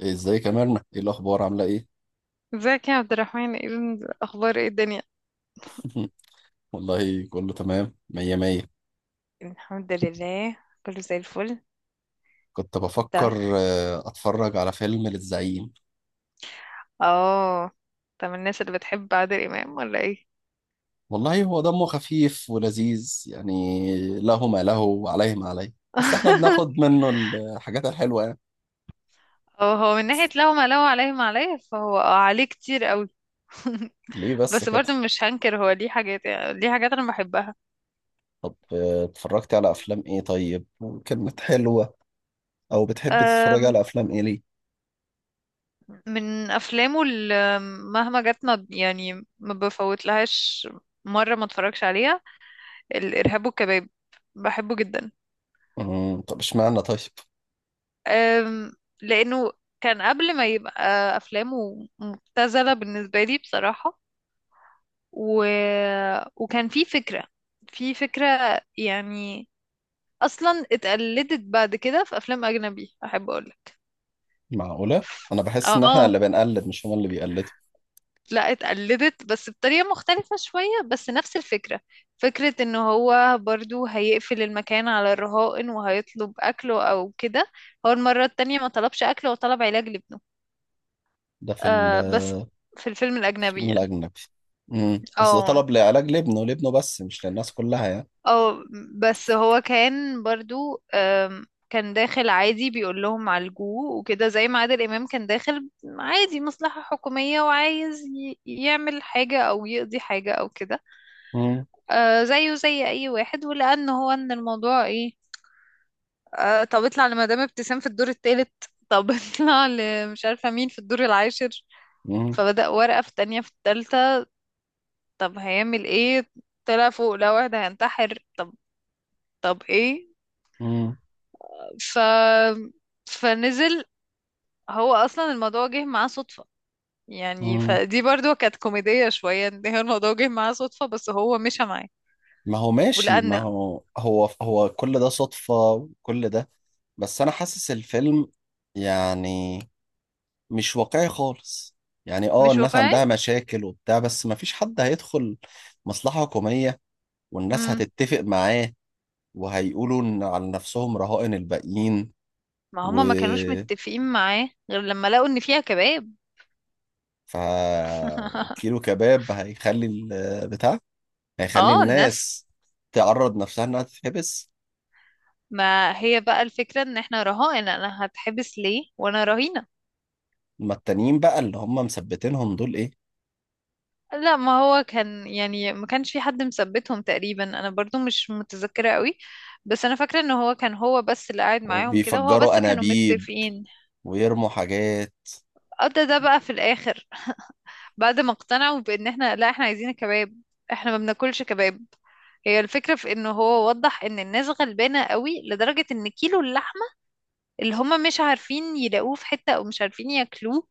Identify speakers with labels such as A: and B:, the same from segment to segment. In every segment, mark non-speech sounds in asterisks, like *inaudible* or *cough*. A: إيه، ازيك يا مرنة ايه الاخبار عامله ايه؟
B: ازيك يا عبد الرحمن؟ ايه الاخبار؟ ايه الدنيا؟
A: *laughs* والله كله تمام مية مية.
B: الحمد لله، كله زي الفل.
A: كنت بفكر
B: ده.
A: اتفرج على فيلم للزعيم.
B: اه. طب الناس اللي بتحب عادل امام ولا ايه؟
A: والله هو دمه خفيف ولذيذ، يعني له ما له وعليه ما عليه، بس احنا بناخد
B: *laughs*
A: منه الحاجات الحلوه يعني.
B: اه، هو من ناحية لو عليه ما عليه، فهو عليه كتير قوي. *laughs*
A: ليه بس
B: بس
A: كده؟
B: برضه مش هنكر هو ليه حاجات انا بحبها.
A: طب اتفرجتي على افلام ايه طيب؟ كانت حلوه؟ او بتحبي تتفرجي
B: أم،
A: على افلام ايه ليه؟
B: من افلامه اللي مهما جت، يعني ما بفوت لهاش مرة ما اتفرجش عليها، الارهاب والكباب، بحبه جدا.
A: طب اشمعنى طيب؟
B: أم، لأنه كان قبل ما يبقى أفلامه مبتذلة بالنسبة لي بصراحة. و... وكان في فكرة، يعني أصلا اتقلدت بعد كده في أفلام أجنبي، أحب أقولك.
A: معقوله. انا بحس ان احنا
B: اه،
A: اللي بنقلد مش هما اللي بيقلدوا.
B: لا، اتقلدت بس بطريقة مختلفة شوية، بس نفس الفكرة. فكرة ان هو برضو هيقفل المكان على الرهائن وهيطلب اكله او كده. هو المرة التانية ما طلبش اكل، هو طلب علاج لابنه.
A: ده في الفيلم
B: آه، بس في الفيلم الأجنبي يعني.
A: الاجنبي. مم. بس ده
B: اه،
A: طلب لعلاج لابنه بس مش للناس كلها يعني.
B: اه، بس هو كان برضو، كان داخل عادي بيقول لهم عالجوه وكده، زي ما عادل إمام كان داخل عادي مصلحة حكومية وعايز يعمل حاجة أو يقضي حاجة أو كده.
A: مم.
B: آه، زيه زي أي واحد، ولأن هو إن الموضوع إيه. آه، طب اطلع لمدام ابتسام في الدور التالت، طب *laughs* اطلع لمش عارفة مين في الدور العاشر.
A: مم.
B: فبدأ ورقة في التانية في التالتة، طب هيعمل ايه؟ طلع فوق لقى واحد هينتحر، طب. طب ايه؟
A: مم.
B: ف فنزل. هو اصلا الموضوع جه معاه صدفة، يعني
A: مم.
B: فدي برضو كانت كوميدية شوية، ان هي الموضوع جه معاه صدفة بس هو مشى معاه.
A: ما هو ماشي، ما
B: ولأن
A: هو كل ده صدفة وكل ده. بس أنا حاسس الفيلم يعني مش واقعي خالص. يعني
B: مش
A: الناس
B: واقعي.
A: عندها مشاكل وبتاع، بس ما فيش حد هيدخل مصلحة حكومية والناس
B: امم.
A: هتتفق معاه وهيقولوا إن على نفسهم رهائن الباقيين.
B: ما
A: و
B: هما ما كانوش متفقين معاه غير لما لقوا ان فيها كباب.
A: ف
B: *laughs*
A: كيلو كباب هيخلي البتاع، هيخلي
B: اه، الناس.
A: الناس تعرض نفسها انها تتحبس.
B: ما هي بقى الفكرة ان احنا رهائن، انا هتحبس ليه وانا رهينة؟
A: اما التانيين بقى اللي هم مثبتينهم دول ايه؟
B: لا، ما هو كان، يعني ما كانش في حد مثبتهم تقريبا، انا برضو مش متذكرة قوي. بس انا فاكرة ان هو كان، هو بس اللي قاعد معاهم كده، وهو
A: وبيفجروا
B: بس كانوا
A: انابيب
B: متفقين.
A: ويرموا حاجات.
B: قضى ده بقى في الاخر، بعد ما اقتنعوا بان احنا، لا، احنا عايزين كباب، احنا ما بناكلش كباب. هي الفكرة في انه هو وضح ان الناس غلبانة قوي، لدرجة ان كيلو اللحمة اللي هما مش عارفين يلاقوه في حتة، او مش عارفين ياكلوه،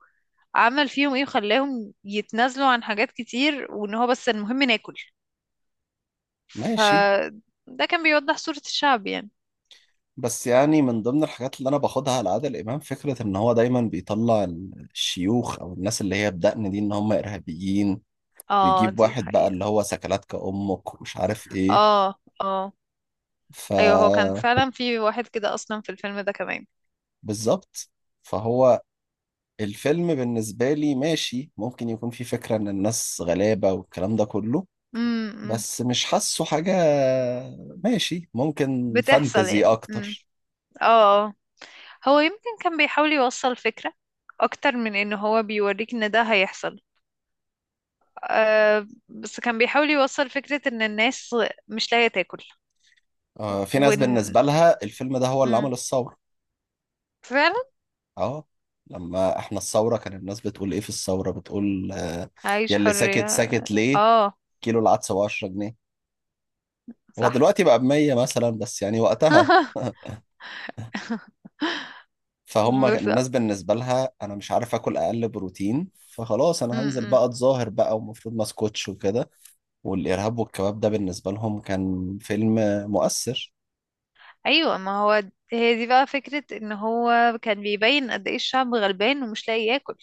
B: عمل فيهم ايه وخلاهم يتنازلوا عن حاجات كتير، وان هو بس المهم ناكل.
A: ماشي،
B: فده كان بيوضح صورة الشعب يعني.
A: بس يعني من ضمن الحاجات اللي انا باخدها على عادل امام فكره ان هو دايما بيطلع الشيوخ او الناس اللي هي بدقن دي ان هم ارهابيين،
B: اه،
A: ويجيب
B: دي
A: واحد بقى
B: حقيقة.
A: اللي هو سكلاتك امك ومش عارف ايه.
B: اه، اه،
A: ف
B: ايوه، هو كان فعلا في واحد كده اصلا في الفيلم ده كمان.
A: بالظبط. فهو الفيلم بالنسبه لي ماشي، ممكن يكون فيه فكره ان الناس غلابه والكلام ده كله،
B: امم،
A: بس مش حاسه حاجة، ماشي ممكن
B: بتحصل
A: فانتزي
B: يعني. امم.
A: أكتر.
B: اه. آه. هو يمكن كان بيحاول يوصل فكرة اكتر من ان هو بيوريك ان ده هيحصل. آه، بس كان بيحاول يوصل فكرة ان الناس مش لاقية تاكل،
A: في ناس بالنسبة
B: وان
A: لها الفيلم ده هو اللي عمل
B: امم
A: الثورة.
B: فعلا.
A: اه، لما احنا الثورة كان الناس بتقول ايه في الثورة، بتقول يا
B: عايش
A: اللي ساكت
B: حرية.
A: ساكت ليه؟
B: اه.
A: كيلو العدس ب 10 جنيه. هو
B: صح.
A: دلوقتي بقى ب 100 مثلا، بس يعني وقتها.
B: *laughs*
A: *laughs* فهم
B: بس،
A: الناس بالنسبة لها انا مش عارف اكل اقل بروتين، فخلاص انا هنزل
B: امم،
A: بقى اتظاهر بقى، ومفروض ما اسكتش وكده. والارهاب والكباب ده بالنسبة لهم كان فيلم مؤثر.
B: ايوه، ما هو هي دي بقى فكرة ان هو كان بيبين قد ايه الشعب غلبان ومش لاقي ياكل.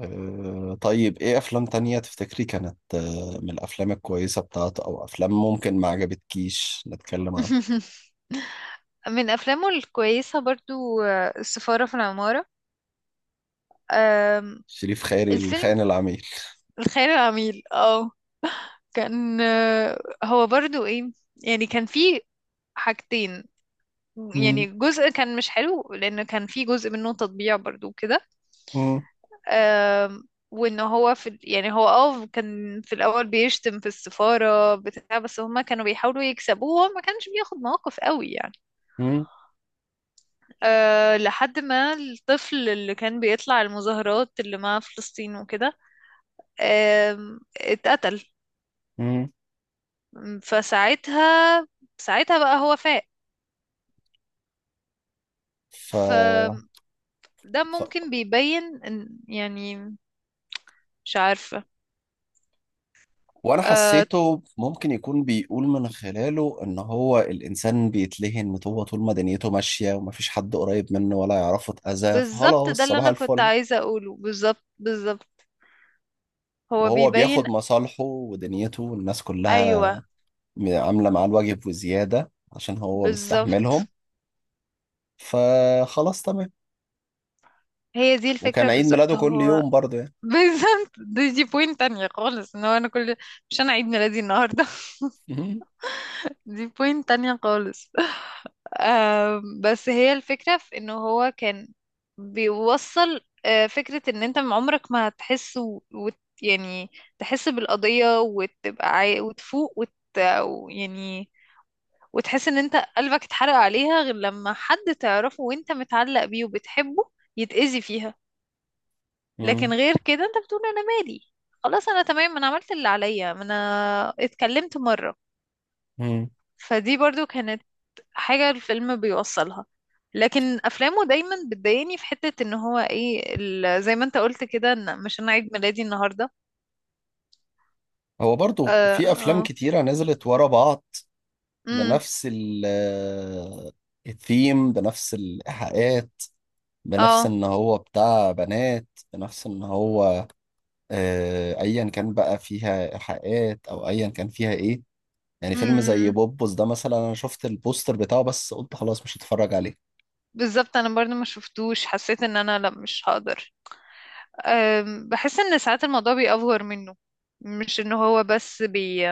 A: طيب ايه افلام تانية تفتكري كانت من الافلام الكويسة بتاعته، او افلام ممكن ما عجبتكيش نتكلم عنها؟
B: *laughs* من افلامه الكويسة برضو السفارة في العمارة. آم،
A: شريف خيري
B: الفيلم
A: الخاين العميل.
B: الخيال العميل، اه، كان، هو برضو ايه، يعني كان فيه حاجتين.
A: مم.
B: يعني جزء كان مش حلو، لان كان فيه جزء منه تطبيع برضو كده.
A: مم.
B: آم، وان هو في يعني هو كان في الاول بيشتم في السفارة بتاع، بس هما كانوا بيحاولوا يكسبوه، وهو ما كانش بياخد مواقف قوي يعني.
A: مم.
B: أه، لحد ما الطفل اللي كان بيطلع المظاهرات اللي مع فلسطين وكده، اتقتل.
A: مم.
B: فساعتها ساعتها بقى هو فاق.
A: ف...
B: فده
A: ف...
B: ممكن بيبين يعني، مش عارفة.
A: وانا
B: أه،
A: حسيته ممكن يكون بيقول من خلاله ان هو الانسان بيتلهن، هو طول ما دنيته ماشية ومفيش حد قريب منه ولا يعرفه اتأذى
B: بالظبط، ده
A: فخلاص
B: اللي
A: صباح
B: انا كنت
A: الفل.
B: عايزة اقوله، بالظبط بالظبط، هو
A: وهو بياخد
B: بيبين.
A: مصالحه ودنيته، والناس
B: ايوه،
A: كلها عاملة معاه الواجب وزيادة عشان هو مستحملهم،
B: بالظبط،
A: فخلاص تمام.
B: هي دي الفكرة،
A: وكان عيد ميلاده
B: بالظبط
A: كل
B: هو.
A: يوم برضه يعني.
B: *laughs* بالظبط، دي بوينت تانية خالص، ان هو انا كل، مش انا عيد ميلادي النهاردة.
A: مهم.
B: *laughs* دي بوينت تانية خالص. *laughs* بس هي الفكرة في انه هو كان بيوصل فكرة ان انت من عمرك ما هتحس، يعني تحس بالقضية، وتبقى وتفوق وت.... يعني وتحس ان انت قلبك اتحرق عليها غير لما حد تعرفه وانت متعلق بيه وبتحبه يتأذي فيها. لكن
A: مم.
B: غير كده انت بتقول انا مالي، خلاص انا تمام، انا عملت اللي عليا، ما انا اتكلمت مرة.
A: مم.
B: فدي برضو كانت حاجة الفيلم بيوصلها. لكن افلامه دايما بتضايقني في حتة ان هو ايه زي ما انت قلت كده، ان مش انا عيد ميلادي النهاردة.
A: هو برضه
B: اه.
A: في أفلام
B: اه.
A: كتيرة نزلت ورا بعض،
B: امم.
A: بنفس الثيم، بنفس الإيحاءات، بنفس
B: اه.
A: إن هو بتاع بنات، بنفس إن هو أيا كان بقى فيها إيحاءات أو أيا كان فيها إيه. يعني فيلم زي
B: امم،
A: بوبوس ده مثلا، أنا شفت البوستر بتاعه بس قلت خلاص مش هتفرج
B: بالظبط، انا برضو ما شفتوش، حسيت ان انا لا مش هقدر. بحس ان ساعات الموضوع بيأفور منه، مش ان هو بس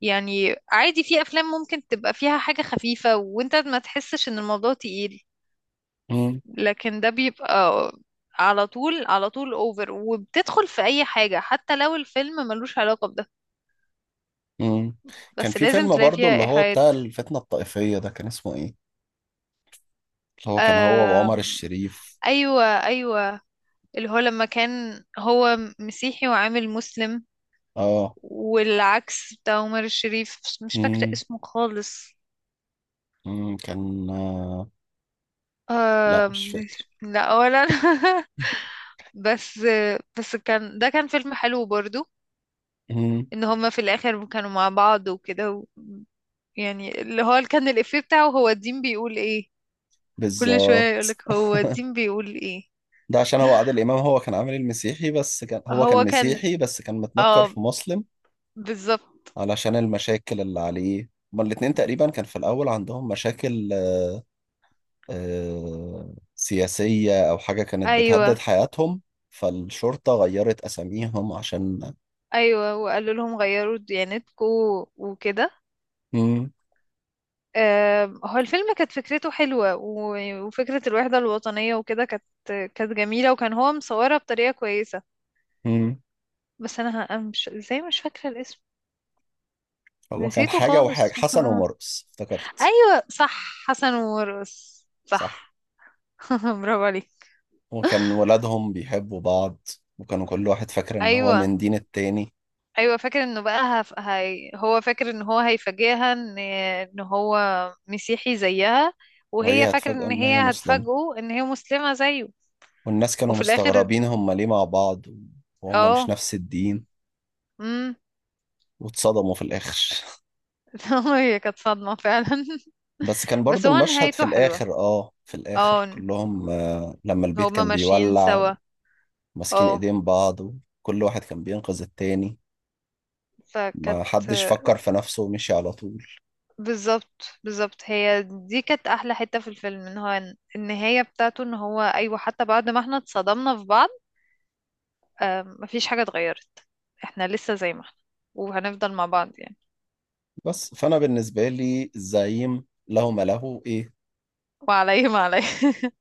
B: يعني عادي، في افلام ممكن تبقى فيها حاجة خفيفة وانت ما تحسش ان الموضوع تقيل.
A: عليه.
B: لكن ده بيبقى على طول، على طول اوفر، وبتدخل في اي حاجة حتى لو الفيلم ملوش علاقة بده.
A: مم. كان
B: بس
A: في
B: لازم
A: فيلم
B: تلاقي
A: برضه
B: فيها
A: اللي هو
B: ايحاءات.
A: بتاع الفتنة الطائفية ده، كان اسمه ايه؟ اللي هو كان هو وعمر
B: آم،
A: الشريف.
B: ايوه، ايوه، اللي هو لما كان هو مسيحي وعامل مسلم،
A: اه.
B: والعكس بتاع عمر الشريف، بس مش فاكرة
A: مم.
B: اسمه خالص.
A: مم. كان. لا مش
B: آم،
A: فاكر.
B: لا، ولا أنا. *laughs* بس بس كان ده كان فيلم حلو برضو،
A: مم.
B: ان هما في الاخر كانوا مع بعض وكده يعني، اللي هو كان الافيه بتاعه هو الدين بيقول ايه. كل شوية
A: بالظبط.
B: يقولك
A: *laughs*
B: هو الدين بيقول ايه.
A: ده عشان هو عادل إمام، هو كان عامل المسيحي، بس كان هو كان
B: هو كان،
A: مسيحي بس كان متنكر
B: اه،
A: في مسلم،
B: بالظبط.
A: علشان المشاكل اللي عليه. هما الاتنين تقريبا كان في الأول عندهم مشاكل، سياسية أو حاجة كانت بتهدد
B: ايوه،
A: حياتهم، فالشرطة غيرت أساميهم عشان.
B: ايوه، وقالوا لهم غيروا ديانتكم وكده.
A: مم.
B: آه، هو الفيلم كانت فكرته حلوة، وفكرة الوحدة الوطنية وكده كانت جميلة، وكان هو مصورها بطريقة كويسة.
A: مم.
B: بس انا، أنا مش ازاي، مش فاكرة الاسم،
A: هو كان
B: نسيته
A: حاجة وحاجة،
B: خالص. *laughs*
A: حسن ومرقص افتكرت.
B: ايوه، صح، حسن ومرقص،
A: صح.
B: صح. *laughs* برافو عليك.
A: وكان ولادهم بيحبوا بعض، وكانوا كل واحد فاكر ان هو
B: ايوه،
A: من دين التاني،
B: ايوه، فاكر انه بقى هو فاكر ان هو هيفاجئها ان هو مسيحي زيها، وهي
A: وهي
B: فاكره
A: هتفاجئوا
B: ان
A: ان هي
B: هي
A: مسلمة،
B: هتفاجئه ان هي مسلمه زيه.
A: والناس كانوا
B: وفي الاخر،
A: مستغربين هما ليه مع بعض وهم مش
B: اه
A: نفس الدين،
B: امم
A: واتصدموا في الآخر. *laughs*
B: *laughs* هي كانت صدمه فعلا. *laughs*
A: بس كان
B: بس
A: برضو
B: هو
A: المشهد في
B: نهايته حلوه،
A: الآخر، في الآخر
B: اه،
A: كلهم لما البيت
B: هما
A: كان
B: ماشيين
A: بيولع،
B: سوا.
A: وماسكين
B: اه،
A: ايدين بعض، وكل واحد كان بينقذ التاني، ما
B: فكانت،
A: حدش فكر في نفسه ومشي على طول.
B: بالظبط بالظبط، هي دي كانت احلى حتة في الفيلم، ان هو النهاية بتاعته ان هو ايوه، حتى بعد ما احنا اتصدمنا في بعض، مفيش حاجة اتغيرت، احنا لسه زي ما احنا، وهنفضل مع بعض يعني.
A: بس فانا بالنسبه لي الزعيم له ما له ايه
B: وعليه ما عليه.